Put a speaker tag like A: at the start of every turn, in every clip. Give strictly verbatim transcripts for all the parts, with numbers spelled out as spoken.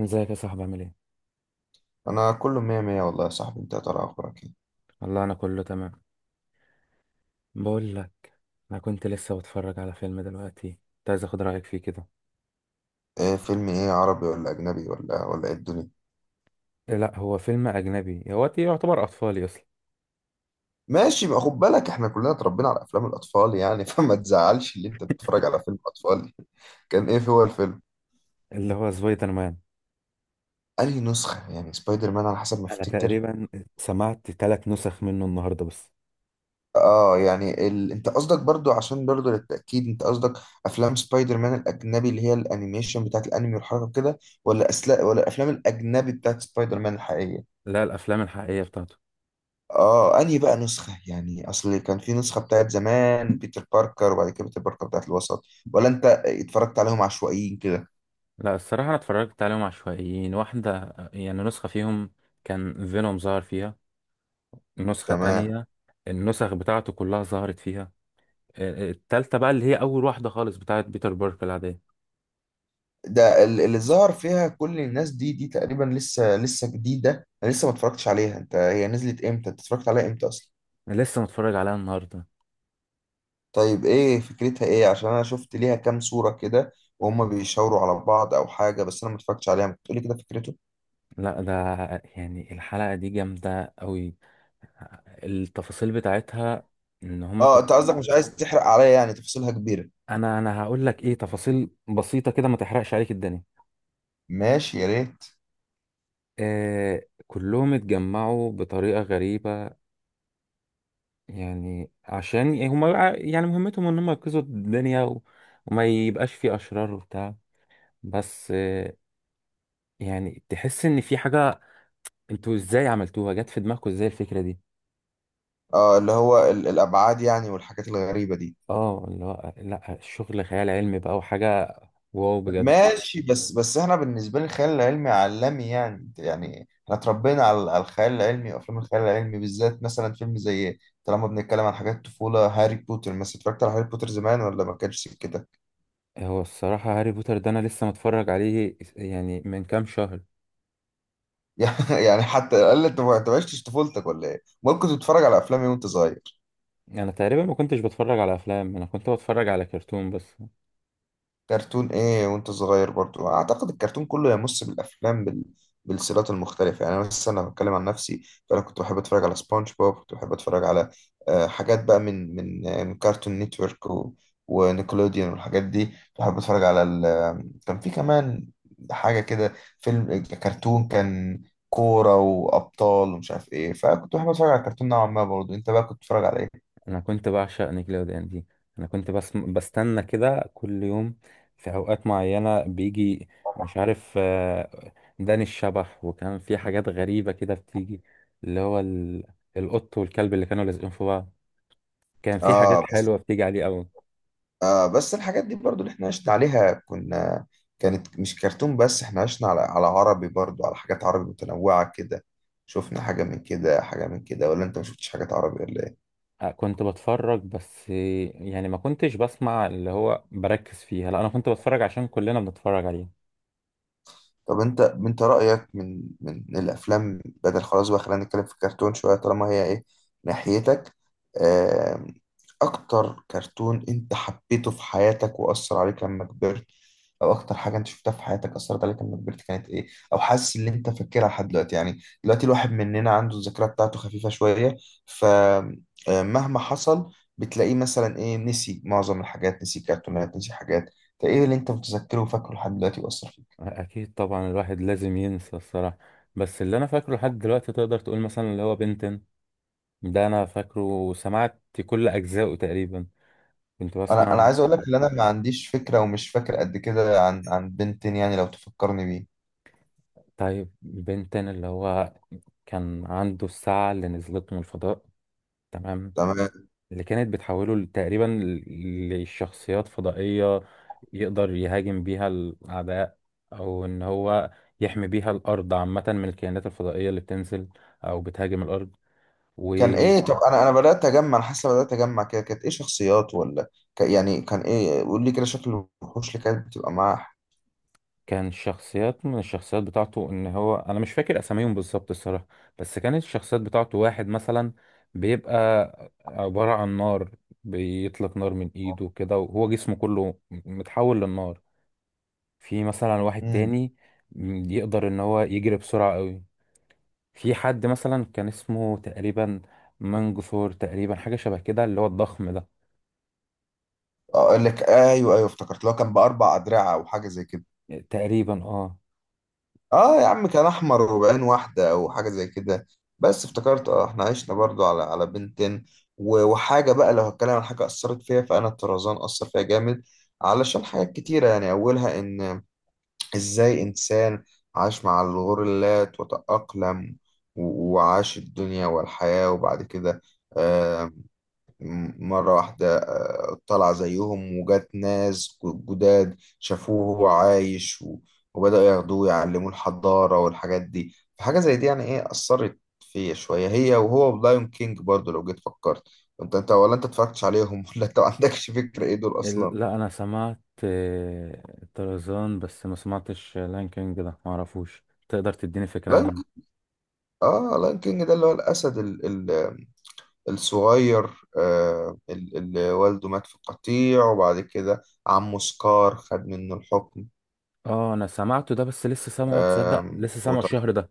A: ازيك يا صاحبي؟ عامل ايه؟
B: انا كله مية مية والله يا صاحبي، انت يا ترى اخبارك ايه؟
A: والله انا كله تمام. بقول لك، انا كنت لسه بتفرج على فيلم دلوقتي. كنت عايز اخد رايك فيه كده.
B: إيه، فيلم ايه، عربي ولا اجنبي ولا ولا ايه الدنيا؟
A: إيه، لا هو فيلم اجنبي، هو تي- يعتبر اطفالي اصلا.
B: ماشي بقى، خد بالك احنا كلنا اتربينا على افلام الاطفال يعني فما تزعلش اللي انت بتتفرج على فيلم اطفال. كان ايه هو الفيلم؟
A: اللي هو سبايدر مان.
B: انهي نسخة يعني سبايدر مان، على حسب ما
A: انا
B: افتكر.
A: تقريبا سمعت ثلاث نسخ منه النهارده بس.
B: اه يعني ال... انت قصدك برضو، عشان برضو للتأكيد، انت قصدك افلام سبايدر مان الاجنبي اللي هي الانيميشن بتاعت الانمي والحركة كده، ولا أسلا... ولا الافلام الاجنبي بتاعت سبايدر مان الحقيقية؟
A: لا الافلام الحقيقيه بتاعته.
B: اه انهي بقى نسخة يعني؟ اصل كان في نسخة بتاعت زمان بيتر باركر، وبعد كده بيتر باركر بتاعت الوسط، ولا انت اتفرجت عليهم عشوائيين كده؟
A: لا الصراحه انا اتفرجت عليهم عشوائيين. واحده يعني نسخه فيهم كان فينوم ظهر فيها. نسخه
B: تمام.
A: تانية النسخ بتاعته كلها ظهرت فيها. التالتة بقى اللي هي أول واحدة خالص بتاعت بيتر بارك العادية.
B: ده ال- اللي ظهر فيها كل الناس دي دي تقريبا لسه لسه جديدة، انا لسه ما اتفرجتش عليها. انت هي نزلت امتى؟ انت اتفرجت عليها امتى اصلا؟
A: أنا لسه متفرج عليها النهارده.
B: طيب ايه فكرتها، ايه؟ عشان انا شفت ليها كام صورة كده وهم بيشاوروا على بعض او حاجة، بس انا ما اتفرجتش عليها. ما تقولي كده فكرته.
A: لا، ده يعني الحلقة دي جامدة قوي، التفاصيل بتاعتها ان هما
B: اه
A: كل...
B: انت قصدك مش عايز تحرق عليا، يعني تفاصيلها كبيرة؟
A: انا انا هقول لك ايه، تفاصيل بسيطة كده ما تحرقش عليك الدنيا.
B: ماشي يا ريت.
A: آه، كلهم اتجمعوا بطريقة غريبة، يعني عشان يعني هما يعني مهمتهم ان هما ينقذوا الدنيا و... وما يبقاش في اشرار وبتاع، بس آه يعني تحس ان في حاجة. انتوا ازاي عملتوها؟ جت في دماغكم ازاي الفكرة دي؟
B: اه اللي هو ال- الابعاد يعني والحاجات الغريبه دي.
A: اه، لا لا الشغل خيال علمي بقى وحاجة، واو بجد.
B: ماشي، بس بس احنا بالنسبه لي الخيال العلمي عالمي يعني، يعني احنا اتربينا على على الخيال العلمي وافلام الخيال العلمي، بالذات مثلا فيلم زي، طالما بنتكلم عن حاجات طفوله، هاري بوتر مثلا. اتفرجت على هاري بوتر زمان ولا ما كانش كده؟
A: هو الصراحة هاري بوتر ده أنا لسه متفرج عليه يعني من كام شهر.
B: يعني، يعني حتى قال لي انت، ما أنت ما عشتش طفولتك ولا ايه؟ ممكن تتفرج على افلام إيه وانت صغير؟
A: أنا تقريبا ما كنتش بتفرج على أفلام، أنا كنت بتفرج على كرتون بس.
B: كرتون ايه وانت صغير؟ برضو اعتقد الكرتون كله يمس بالافلام بال... بالسلسلات المختلفه يعني. انا مثلا لو بتكلم عن نفسي، فانا كنت بحب اتفرج على سبونج بوب، كنت بحب اتفرج على آه، حاجات بقى من من آه، من كارتون نيتورك و... ونيكلوديان والحاجات دي. كنت بحب اتفرج على ال... كان في كمان حاجه كده، فيلم كرتون، كان كوره وابطال ومش عارف ايه. فكنت بحب اتفرج على الكرتون نوعا ما برضو. انت بقى كنت بتتفرج على ايه؟
A: أنا كنت بعشق نيكلوديان دي. أنا كنت بس بستنى كده كل يوم في أوقات معينة بيجي، مش عارف، آه، داني الشبح، وكان في حاجات غريبة كده بتيجي، اللي هو ال- القط والكلب اللي كانوا لازقين في بعض. كان في حاجات
B: اه.
A: حلوة بتيجي عليه أوي.
B: آه بس الحاجات دي برضو اللي احنا عشنا عليها، كنا كانت مش كرتون بس، احنا عشنا على على عربي برضو، على حاجات عربي متنوعة كده. شفنا حاجة من كده حاجة من كده، ولا انت ما شفتش حاجات عربي ولا إيه؟
A: آه، كنت بتفرج بس يعني ما كنتش بسمع، اللي هو بركز فيها، لا انا كنت بتفرج عشان كلنا بنتفرج عليه.
B: طب انت، انت رأيك من من الافلام بدل خلاص بقى، خلينا نتكلم في الكرتون شوية طالما هي ايه ناحيتك. آم، اكتر كرتون انت حبيته في حياتك واثر عليك لما كبرت، او اكتر حاجة انت شفتها في حياتك اثرت عليك لما كبرت، كانت ايه؟ او حاسس ان انت فاكرها لحد دلوقتي؟ يعني دلوقتي الواحد مننا عنده الذاكرة بتاعته خفيفة شوية، فمهما حصل بتلاقيه مثلا ايه، نسي معظم الحاجات، نسي كرتونات، نسي حاجات. فايه اللي انت متذكره وفاكره لحد دلوقتي واثر فيك؟
A: اكيد طبعا الواحد لازم ينسى الصراحة، بس اللي انا فاكره لحد دلوقتي تقدر تقول مثلا اللي هو بنتن. ده انا فاكره وسمعت كل اجزائه تقريبا، كنت
B: انا انا
A: بسمع.
B: عايز اقول لك ان انا ما عنديش فكره ومش فاكر قد كده عن عن بنتين، يعني لو تفكرني بيه.
A: طيب بنتن اللي هو كان عنده الساعة اللي نزلت من الفضاء، تمام،
B: تمام.
A: اللي كانت بتحوله ل- تقريبا ل- لشخصيات فضائية يقدر يهاجم بيها الأعداء، أو إن هو يحمي بيها الأرض عامة من الكائنات الفضائية اللي بتنزل أو بتهاجم الأرض.
B: كان
A: وكان
B: ايه؟ طب انا انا بدات اجمع، انا حاسه بدات اجمع كده، كانت ايه شخصيات ولا ك... يعني كان ايه؟ قول لي كده شكل الوحوش اللي كانت بتبقى معاه.
A: شخصيات من الشخصيات بتاعته، إن هو أنا مش فاكر أساميهم بالظبط الصراحة، بس كانت الشخصيات بتاعته واحد مثلا بيبقى عبارة عن نار، بيطلق نار من إيده كده وهو جسمه كله متحول للنار. في مثلا واحد
B: امم.
A: تاني م- يقدر ان هو يجري بسرعة قوي. في حد مثلا كان اسمه تقريبا منجثور، تقريبا حاجة شبه كده، اللي هو الضخم ده.
B: اقول لك ايوه ايوه افتكرت، لو كان باربع ادرعه او حاجه زي كده.
A: تقريبا اه.
B: اه يا عم كان احمر وبعين واحده او حاجه زي كده. بس افتكرت، اه احنا عشنا برضو على على بنتين. و- وحاجه بقى لو هتكلم عن حاجه اثرت فيها، فانا الطرزان اثر فيها جامد علشان حاجات كتيره يعني، اولها ان ازاي انسان عاش مع الغوريلات وتاقلم، و- وعاش الدنيا والحياه، وبعد كده آه، م- مرة واحدة آه، طلع زيهم وجات ناس جداد شافوه وهو عايش، و- وبدأوا ياخدوه يعلموه الحضارة والحاجات دي. فحاجة زي دي يعني ايه، أثرت فيا شوية، هي وهو بلايون كينج برضو لو جيت فكرت. انت انت ولا انت اتفرجتش عليهم ولا انت ما عندكش فكرة ايه دول
A: ال-
B: أصلا؟
A: لا انا سمعت آه، طرزان بس، ما سمعتش لاين كينج ده ما اعرفوش. تقدر تديني فكرة
B: لايون
A: عنه؟
B: كينج. اه لايون كينج ده اللي هو الأسد ال ال الصغير، آه ال- اللي والده مات في قطيع، وبعد كده عمه سكار خد منه الحكم.
A: اه انا سمعته ده، بس لسه سامعه، تصدق
B: آم،
A: لسه سامعه
B: وط-
A: الشهر ده.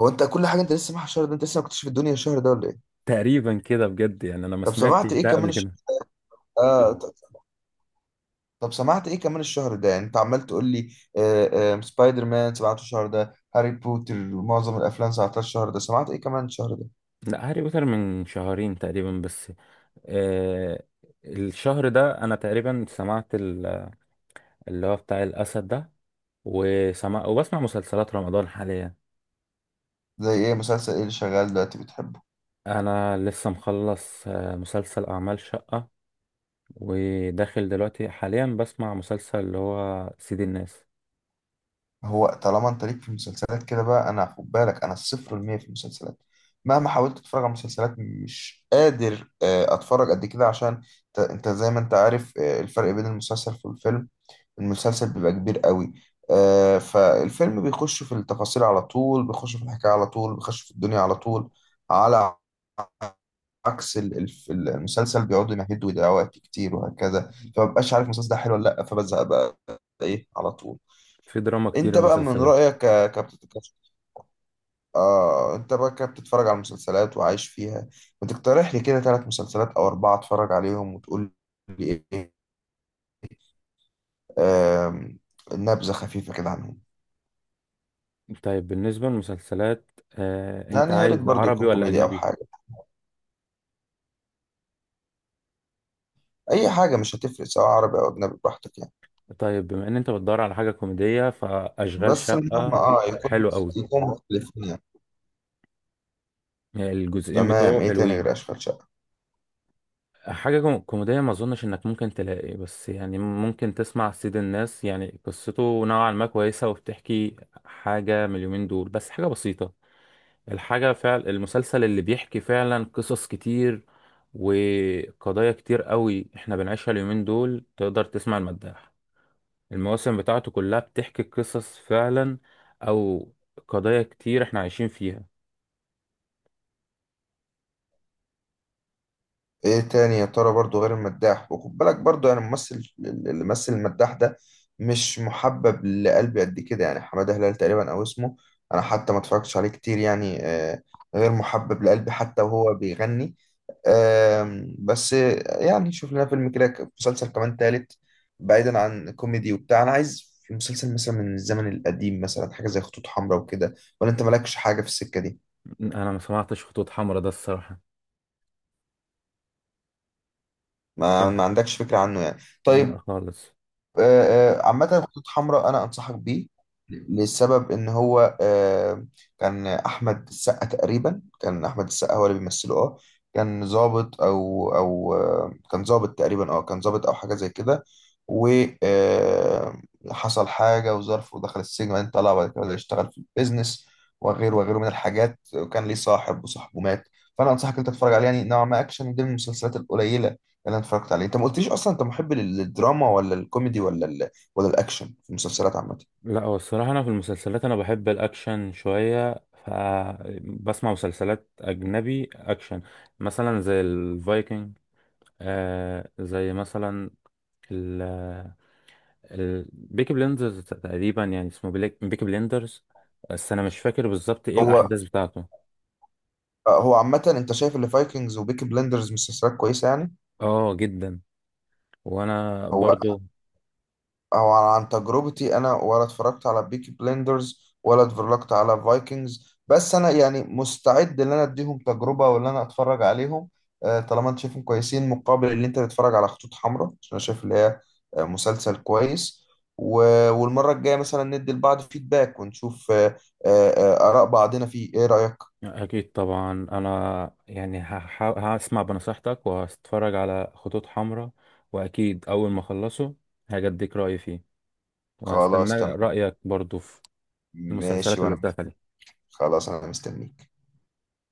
B: هو انت كل حاجه انت لسه معاك الشهر ده؟ انت لسه ما كنتش في الدنيا الشهر ده ولا ايه؟
A: تقريبا كده بجد، يعني انا ما
B: طب سمعت
A: سمعتش
B: ايه
A: ده
B: كمان
A: قبل
B: الشهر؟
A: كده.
B: آه ط- طب سمعت ايه كمان الشهر ده يعني؟ انت عمال تقول لي آه آه سبايدر مان سمعته الشهر ده، هاري بوتر معظم الافلام سمعتها الشهر ده، سمعت ايه كمان الشهر ده؟
A: لا هاري بوتر من شهرين تقريبا بس. آه، الشهر ده انا تقريبا سمعت ال- اللي هو بتاع الاسد ده، وسمع وبسمع مسلسلات رمضان حاليا.
B: زي ايه؟ مسلسل ايه اللي شغال دلوقتي بتحبه؟
A: انا لسه مخلص آه، مسلسل اعمال شقة، وداخل دلوقتي حاليا بسمع مسلسل اللي هو سيد الناس.
B: هو طالما انت ليك في المسلسلات كده بقى، انا خد بالك انا الصفر المية في المسلسلات. مهما حاولت اتفرج على مسلسلات مش قادر آه، اتفرج قد كده، عشان انت، انت زي ما انت عارف آه، الفرق بين المسلسل والفيلم، المسلسل بيبقى كبير قوي. آه، فالفيلم بيخش في التفاصيل على طول، بيخش في الحكاية على طول، بيخش في الدنيا على طول، على عكس ال- الف- المسلسل بيقعدوا يمهدوا ويضيعوا وقت كتير وهكذا، فمبقاش عارف المسلسل ده حلو ولا لا، فبزهق بقى ايه على طول.
A: في دراما
B: انت
A: كتير
B: بقى من
A: المسلسلات.
B: رأيك، ك- كبت... ك- آه انت بقى كبتتفرج على المسلسلات وعايش فيها، بتقترح لي كده ثلاث مسلسلات او اربعة اتفرج عليهم وتقول لي ايه؟ آم، نبذة خفيفة كده عنهم.
A: طيب بالنسبة للمسلسلات، آه، انت
B: يعني يا ريت
A: عايز
B: برضه
A: عربي
B: يكون
A: ولا
B: كوميديا او
A: اجنبي؟
B: حاجه، اي حاجه مش هتفرق، سواء عربي او اجنبي براحتك يعني.
A: طيب بما ان انت بتدور على حاجة كوميدية، فاشغال
B: بس المهم
A: شقة
B: اه يكون
A: حلو قوي،
B: يكون مختلفين يعني.
A: الجزئين
B: تمام.
A: بتوعه
B: ايه تاني
A: حلوين.
B: غير اشغال شقه؟
A: حاجة كوم- كوميدية ما أظنش إنك ممكن تلاقي، بس يعني ممكن تسمع سيد الناس، يعني قصته نوعا ما كويسة، وبتحكي حاجة من اليومين دول، بس حاجة بسيطة. الحاجة فعل المسلسل اللي بيحكي فعلا قصص كتير وقضايا كتير قوي إحنا بنعيشها اليومين دول. تقدر تسمع المداح، المواسم بتاعته كلها بتحكي قصص فعلا، أو قضايا كتير إحنا عايشين فيها.
B: ايه تاني يا ترى برضو غير المداح؟ وخد بالك برضو يعني الممثل اللي مثل المداح ده مش محبب لقلبي قد كده يعني، حمادة هلال تقريبا او اسمه. انا حتى ما اتفرجتش عليه كتير يعني، آه، غير محبب لقلبي حتى وهو بيغني. آم، بس آه، يعني نشوف لنا فيلم كده ك- مسلسل كمان تالت، بعيدا عن كوميدي وبتاع. انا عايز في مسلسل مثلا من الزمن القديم، مثلا حاجة زي خطوط حمراء وكده، ولا انت مالكش حاجة في السكة دي؟
A: أنا ما سمعتش خطوط حمراء ده الصراحة.
B: ما,
A: كان-
B: ما عندكش فكرة عنه يعني؟
A: لا
B: طيب.
A: خالص.
B: آه، آه، عامة خطوط حمراء أنا أنصحك بيه، لسبب إن هو آه، كان أحمد السقا تقريبا، كان أحمد السقا هو اللي بيمثله. أه كان ضابط أو أو آه، كان ضابط تقريبا، أه كان ضابط أو حاجة زي كده، وحصل حاجة وظرف ودخل السجن وبعدين طلع، وبعد كده بدأ يشتغل في البيزنس وغيره وغيره من الحاجات، وكان ليه صاحب وصاحبه مات. فأنا أنصحك أنت تتفرج عليه، يعني نوعا ما أكشن، دي من المسلسلات القليلة انا اتفرجت عليه. انت ما قلتليش اصلا، انت محب لل- للدراما ولا الكوميدي ولا ال... ولا الاكشن في المسلسلات عامه؟
A: لا هو الصراحة أنا في المسلسلات أنا بحب الأكشن شوية، فبسمع مسلسلات أجنبي أكشن، مثلا زي الفايكنج، آه زي مثلا ال ال بيكي بليندرز، تقريبا يعني اسمه بيليك- بيكي بليندرز، بس أنا مش فاكر بالظبط إيه
B: هو
A: الأحداث بتاعته.
B: آه، هو عامه انت شايف اللي فايكنجز وبيكي بلندرز مسلسلات كويسه يعني؟
A: آه جدا، وأنا
B: هو
A: برضو.
B: او عن تجربتي انا، ولا اتفرجت على بيكي بليندرز ولا اتفرجت على فايكنجز، بس انا يعني مستعد ان انا اديهم تجربه وان انا اتفرج عليهم آه، طالما انت شايفهم كويسين، مقابل ان انت تتفرج على خطوط حمراء، عشان انا شايف اللي هي آه، مسلسل كويس. و- والمره الجايه مثلا ندي لبعض فيدباك ونشوف آه، آه، آه، اراء بعضنا فيه. ايه رايك؟
A: أكيد طبعا أنا يعني هحا- هسمع بنصيحتك وهتفرج على خطوط حمراء، وأكيد أول ما أخلصه هاجي أديك رأيي فيه، وهستنى
B: خلاص تمام.
A: رأيك برضو في
B: ماشي
A: المسلسلات اللي
B: وانا،
A: قلتها.
B: خلاص انا مستنيك.